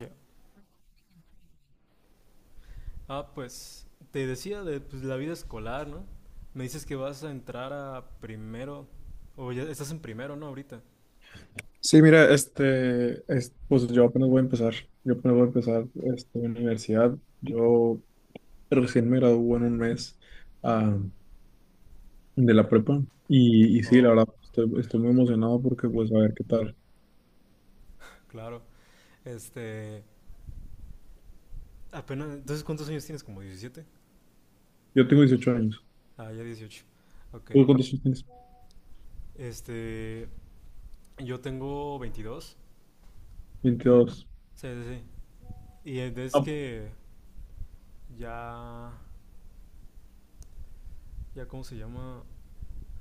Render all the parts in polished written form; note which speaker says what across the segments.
Speaker 1: Ya. Ah, pues te decía de pues, la vida escolar, ¿no? Me dices que vas a entrar a primero, o ya estás en primero, ¿no? Ahorita.
Speaker 2: Sí, mira, pues yo apenas voy a empezar, yo apenas voy a empezar este, universidad, yo recién me gradué en un mes ah, de la prepa y, sí, la
Speaker 1: Oh,
Speaker 2: verdad, estoy muy emocionado porque pues a ver qué tal.
Speaker 1: claro. Este, apenas, entonces, ¿cuántos años tienes? ¿Como diecisiete?
Speaker 2: Yo tengo 18 años.
Speaker 1: Ah, ya 18. Ok.
Speaker 2: ¿Tú cuántos años tienes?
Speaker 1: Este, yo tengo 22.
Speaker 2: Veintidós.
Speaker 1: Sí, sí, sí. Y es
Speaker 2: Ah.
Speaker 1: que ya, ya, ¿cómo se llama?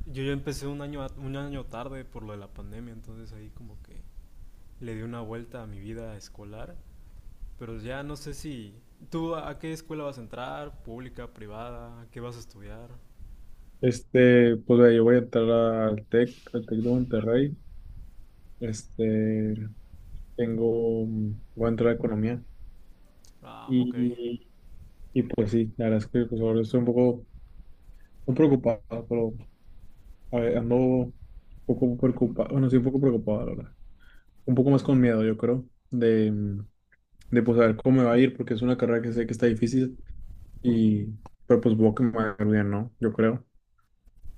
Speaker 1: Yo ya empecé un año, un año tarde por lo de la pandemia, entonces ahí como que le di una vuelta a mi vida escolar. Pero ya no sé si... ¿Tú a qué escuela vas a entrar? ¿Pública? ¿Privada? ¿Qué vas a estudiar?
Speaker 2: Pues ve, yo voy a entrar al TEC de Monterrey. este, Voy a entrar a economía
Speaker 1: Ah, ok.
Speaker 2: y, pues sí, la verdad es que pues ahora estoy un poco... Muy preocupado, pero a ver, ando un poco preocupado, bueno, sí, un poco preocupado, la verdad. Un poco más con miedo, yo creo, de pues a ver cómo me va a ir, porque es una carrera que sé que está difícil, y, pero pues voy que me va a ir bien, ¿no? Yo creo.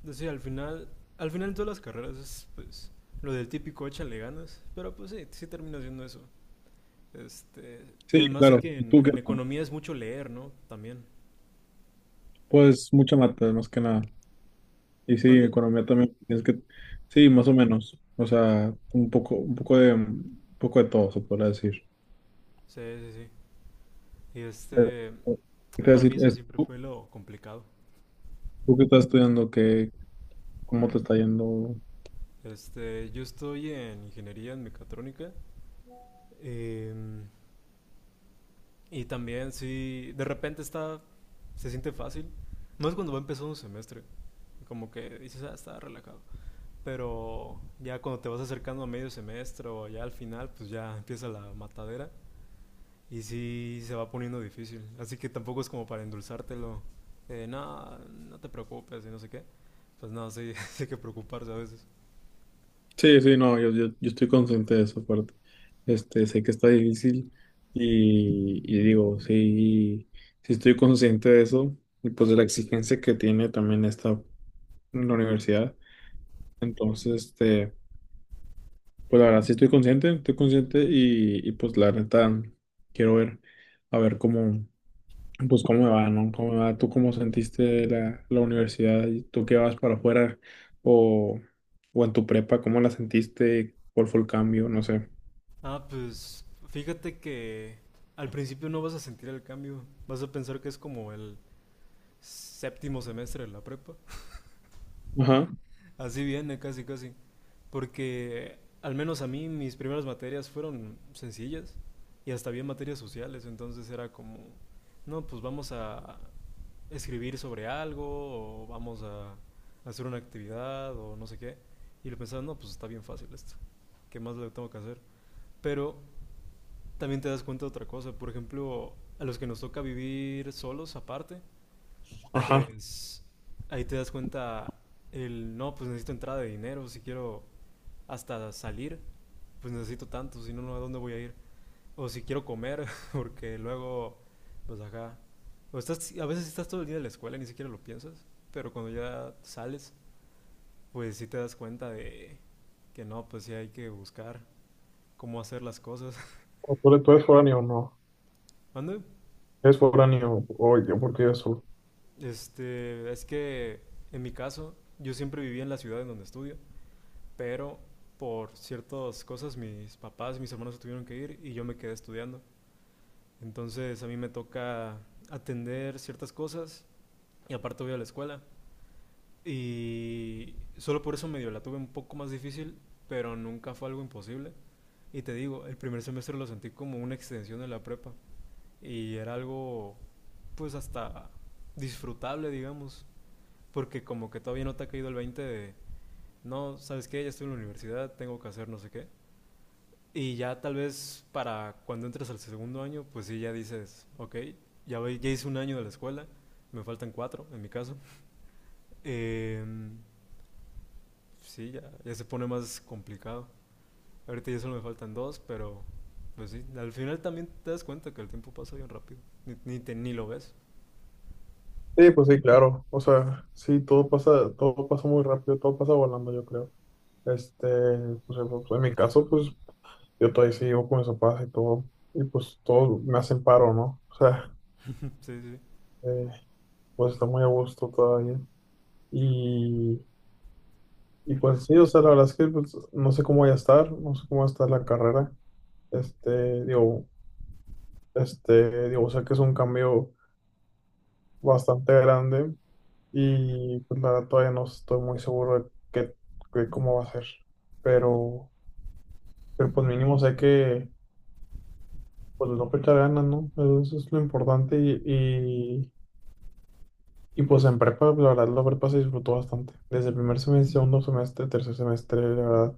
Speaker 1: Pues sí, al final... Al final en todas las carreras es pues lo del típico échale ganas. Pero pues sí, sí termino haciendo eso. Este, y
Speaker 2: Sí,
Speaker 1: además sé
Speaker 2: claro.
Speaker 1: que
Speaker 2: ¿Y tú qué
Speaker 1: en
Speaker 2: tal?
Speaker 1: economía es mucho leer, ¿no? También.
Speaker 2: Pues mucha mata, más que nada. Y sí,
Speaker 1: ¿Mande?
Speaker 2: economía también, tienes que, sí, más o menos. O sea, un poco, un poco de todo, se podrá decir.
Speaker 1: Sí, sí, sí. Y
Speaker 2: Eh,
Speaker 1: este,
Speaker 2: eh, ¿Qué te iba a
Speaker 1: para mí
Speaker 2: decir?
Speaker 1: eso siempre
Speaker 2: ¿Tú,
Speaker 1: fue lo complicado.
Speaker 2: qué estás estudiando? ¿Qué, cómo te está yendo?
Speaker 1: Este, yo estoy en ingeniería en mecatrónica. em, Y también, sí, de repente está, se siente fácil. No es cuando va empezando un semestre, como que dices, ah, está relajado. Pero ya cuando te vas acercando a medio semestre o ya al final, pues ya empieza la matadera y sí se va poniendo difícil. Así que tampoco es como para endulzártelo, no, no te preocupes y no sé qué. Pues no, sí, sí hay que preocuparse a veces.
Speaker 2: Sí, sí, no, yo estoy consciente de esa parte. Sé que está difícil y digo, sí, sí estoy consciente de eso y pues de la exigencia que tiene también esta la universidad. Entonces, pues la verdad sí estoy consciente y pues la neta quiero ver, a ver cómo, pues cómo me va, ¿no? ¿Cómo me va? ¿Tú cómo sentiste la universidad? ¿Y ¿tú qué vas para afuera o, o en tu prepa? ¿Cómo la sentiste? ¿Cuál fue el cambio? No sé.
Speaker 1: Ah, pues fíjate que al principio no vas a sentir el cambio, vas a pensar que es como el séptimo semestre de la prepa.
Speaker 2: Ajá,
Speaker 1: Así viene, casi, casi. Porque al menos a mí mis primeras materias fueron sencillas y hasta bien materias sociales, entonces era como, no, pues vamos a escribir sobre algo o vamos a hacer una actividad o no sé qué. Y lo pensaba, no, pues está bien fácil esto. ¿Qué más le tengo que hacer? Pero también te das cuenta de otra cosa. Por ejemplo, a los que nos toca vivir solos aparte,
Speaker 2: ajá.
Speaker 1: pues ahí te das cuenta el, no, pues necesito entrada de dinero, si quiero hasta salir, pues necesito tanto, si no, no, ¿a dónde voy a ir? O si quiero comer, porque luego, pues acá, o estás, a veces estás todo el día en la escuela y ni siquiera lo piensas, pero cuando ya sales, pues sí te das cuenta de que no, pues sí hay que buscar cómo hacer las cosas.
Speaker 2: ¿O ¿Tú, eres foráneo o no?
Speaker 1: ¿Mande?
Speaker 2: ¿Eres foráneo? Oye, porque yo soy.
Speaker 1: Este, es que en mi caso, yo siempre viví en la ciudad en donde estudio, pero por ciertas cosas mis papás y mis hermanos se tuvieron que ir y yo me quedé estudiando. Entonces a mí me toca atender ciertas cosas y aparte voy a la escuela. Y solo por eso medio la tuve un poco más difícil, pero nunca fue algo imposible. Y te digo, el primer semestre lo sentí como una extensión de la prepa y era algo pues hasta disfrutable, digamos, porque como que todavía no te ha caído el 20 de, no, ¿sabes qué? Ya estoy en la universidad, tengo que hacer no sé qué. Y ya tal vez para cuando entres al segundo año, pues sí, ya dices, ok, ya, ya hice un año de la escuela, me faltan cuatro en mi caso. Eh, sí, ya, ya se pone más complicado. Ahorita ya solo me faltan dos, pero pues sí, al final también te das cuenta que el tiempo pasa bien rápido, ni, ni lo ves.
Speaker 2: Sí, pues sí, claro. O sea, sí, todo pasa muy rápido, todo pasa volando, yo creo. Este, pues, eh, pues, en mi caso, pues yo todavía sigo con mis papás y todo. Y pues todos me hacen paro, ¿no?
Speaker 1: Sí, sí.
Speaker 2: Eh, pues está muy a gusto todavía. Y, y pues sí, o sea, la verdad es que pues, no sé cómo voy a estar, no sé cómo va a estar la carrera. Este, digo, Digo, o sea que es un cambio bastante grande y pues la verdad todavía no estoy muy seguro de cómo va a ser. Pero, pero pues mínimo sé que pues no echar ganas, ¿no? Eso es lo importante y, pues en prepa, la verdad la prepa se disfrutó bastante. Desde el primer semestre, segundo semestre, tercer semestre, la verdad,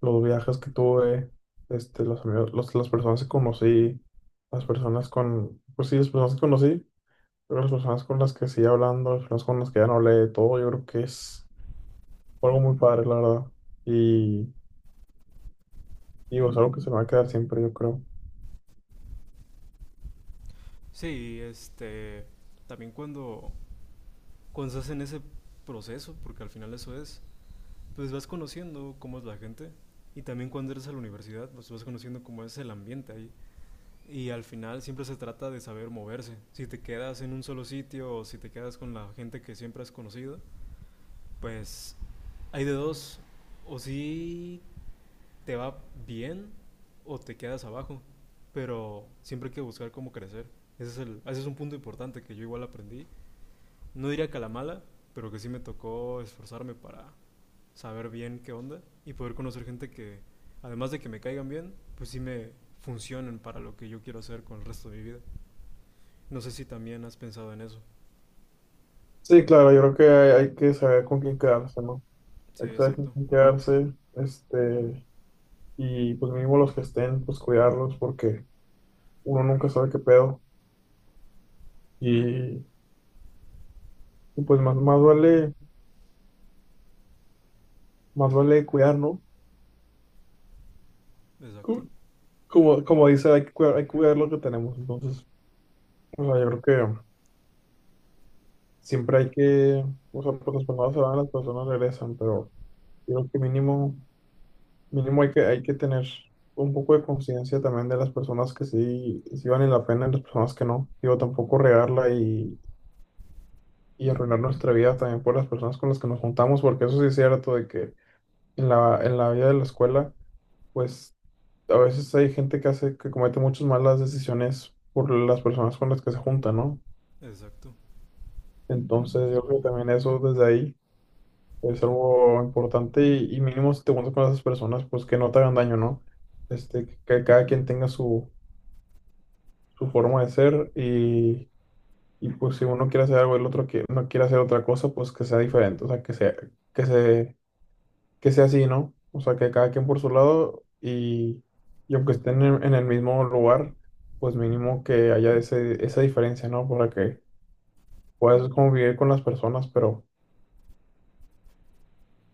Speaker 2: los viajes que tuve, los amigos, las personas que conocí, pues sí, las personas que conocí. Pero las personas con las que sigue hablando, las personas con las que ya no hablé, todo, yo creo que es fue algo muy padre, la verdad. Y, y es algo que se me va a quedar siempre, yo creo.
Speaker 1: Sí, este, también cuando, cuando estás en ese proceso, porque al final eso es, pues vas conociendo cómo es la gente y también cuando eres a la universidad, pues vas conociendo cómo es el ambiente ahí. Y al final siempre se trata de saber moverse. Si te quedas en un solo sitio o si te quedas con la gente que siempre has conocido, pues hay de dos. O si te va bien o te quedas abajo. Pero siempre hay que buscar cómo crecer. Ese es, el, ese es un punto importante que yo igual aprendí, no diría que a la mala, pero que sí me tocó esforzarme para saber bien qué onda y poder conocer gente que, además de que me caigan bien, pues sí me funcionen para lo que yo quiero hacer con el resto de mi vida. No sé si también has pensado en eso.
Speaker 2: Sí, claro, yo creo que hay que saber con quién quedarse, ¿no?
Speaker 1: Sí,
Speaker 2: Hay que saber con
Speaker 1: exacto,
Speaker 2: quién quedarse. Y pues mínimo los que estén, pues cuidarlos, porque uno nunca sabe qué pedo. Y, y pues más vale cuidar, ¿no?
Speaker 1: exacto,
Speaker 2: Co- Como, como dice, hay que cuidar lo que tenemos. Entonces, o sea, yo creo que siempre hay que, o sea, pues las personas se van, las personas regresan, pero yo creo que mínimo. Mínimo hay que tener un poco de conciencia también de las personas que sí, sí valen la pena y las personas que no. Digo, tampoco regarla y arruinar nuestra vida también por las personas con las que nos juntamos, porque eso sí es cierto de que en en la vida de la escuela, pues a veces hay gente que comete muchas malas decisiones por las personas con las que se junta, ¿no?
Speaker 1: exacto, eso
Speaker 2: Entonces yo
Speaker 1: mismo.
Speaker 2: creo que también eso desde ahí es algo importante y mínimo si te juntas con esas personas, pues que no te hagan daño, ¿no? Este, que cada quien tenga su forma de ser y pues si uno quiere hacer algo, el otro que no quiere hacer otra cosa, pues que sea diferente, o sea, que se, que sea así, ¿no? O sea, que cada quien por su lado y aunque estén en el mismo lugar, pues mínimo que haya esa diferencia, ¿no? Para que puedas convivir con las personas,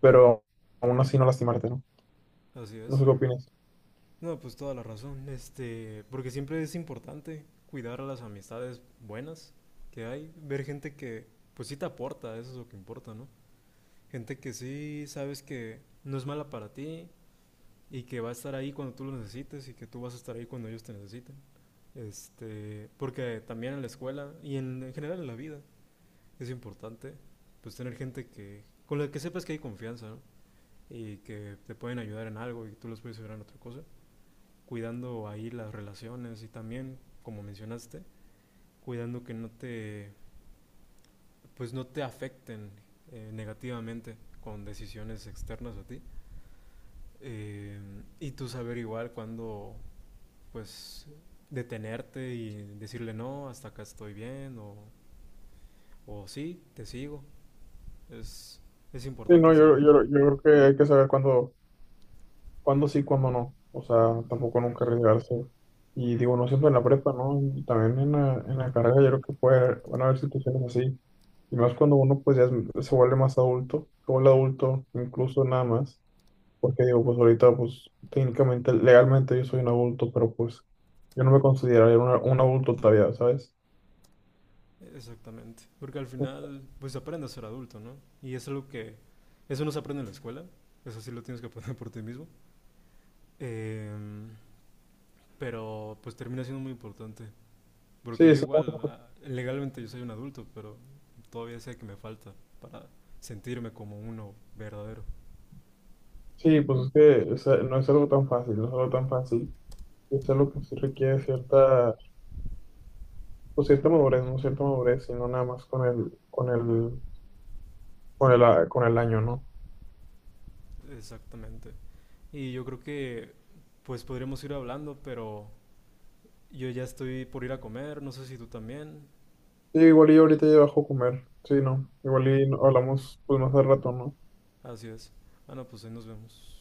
Speaker 2: pero aún así no lastimarte, ¿no?
Speaker 1: Así
Speaker 2: No sé
Speaker 1: es.
Speaker 2: qué opinas.
Speaker 1: No, pues toda la razón. Este, porque siempre es importante cuidar a las amistades buenas que hay, ver gente que pues sí te aporta, eso es lo que importa, ¿no? Gente que sí sabes que no es mala para ti y que va a estar ahí cuando tú lo necesites y que tú vas a estar ahí cuando ellos te necesiten. Este, porque también en la escuela y en general en la vida es importante pues tener gente que con la que sepas que hay confianza, ¿no? Y que te pueden ayudar en algo y tú los puedes ayudar en otra cosa, cuidando ahí las relaciones y también, como mencionaste, cuidando que no te afecten, negativamente, con decisiones externas a ti. eh, y tú saber igual cuándo, pues, detenerte y decirle no, hasta acá estoy bien, o sí, te sigo. Es, es
Speaker 2: Sí,
Speaker 1: importante
Speaker 2: no,
Speaker 1: saber eso.
Speaker 2: yo creo que hay que saber cuándo sí, cuándo no. O sea, tampoco nunca arriesgarse. Y digo, no siempre en la prepa, ¿no? Y también en en la carrera yo creo que puede, van a haber situaciones así. Y más cuando uno pues se vuelve más adulto, se vuelve adulto incluso nada más. Porque digo, pues ahorita pues técnicamente, legalmente yo soy un adulto, pero pues yo no me consideraría un adulto todavía, ¿sabes?
Speaker 1: Exactamente. Porque al final, pues aprende a ser adulto, ¿no? Y es algo que, eso no se aprende en la escuela, eso sí lo tienes que aprender por ti mismo. Em, pero pues termina siendo muy importante. Porque
Speaker 2: Sí,
Speaker 1: yo
Speaker 2: sí,
Speaker 1: igual, ah, legalmente yo soy un adulto, pero todavía sé que me falta para sentirme como uno verdadero.
Speaker 2: sí, pues es que o sea, no es algo tan fácil, no es algo tan fácil. Es algo que sí requiere cierta pues cierta madurez, ¿no? Cierta madurez, sino nada más con el año, ¿no?
Speaker 1: Exactamente. Y yo creo que pues podríamos ir hablando, pero yo ya estoy por ir a comer, no sé si tú también.
Speaker 2: Sí, igual y ahorita ya bajo a comer, sí, ¿no? Igual y no, hablamos pues más al rato, ¿no?
Speaker 1: Así es. Bueno, pues ahí nos vemos.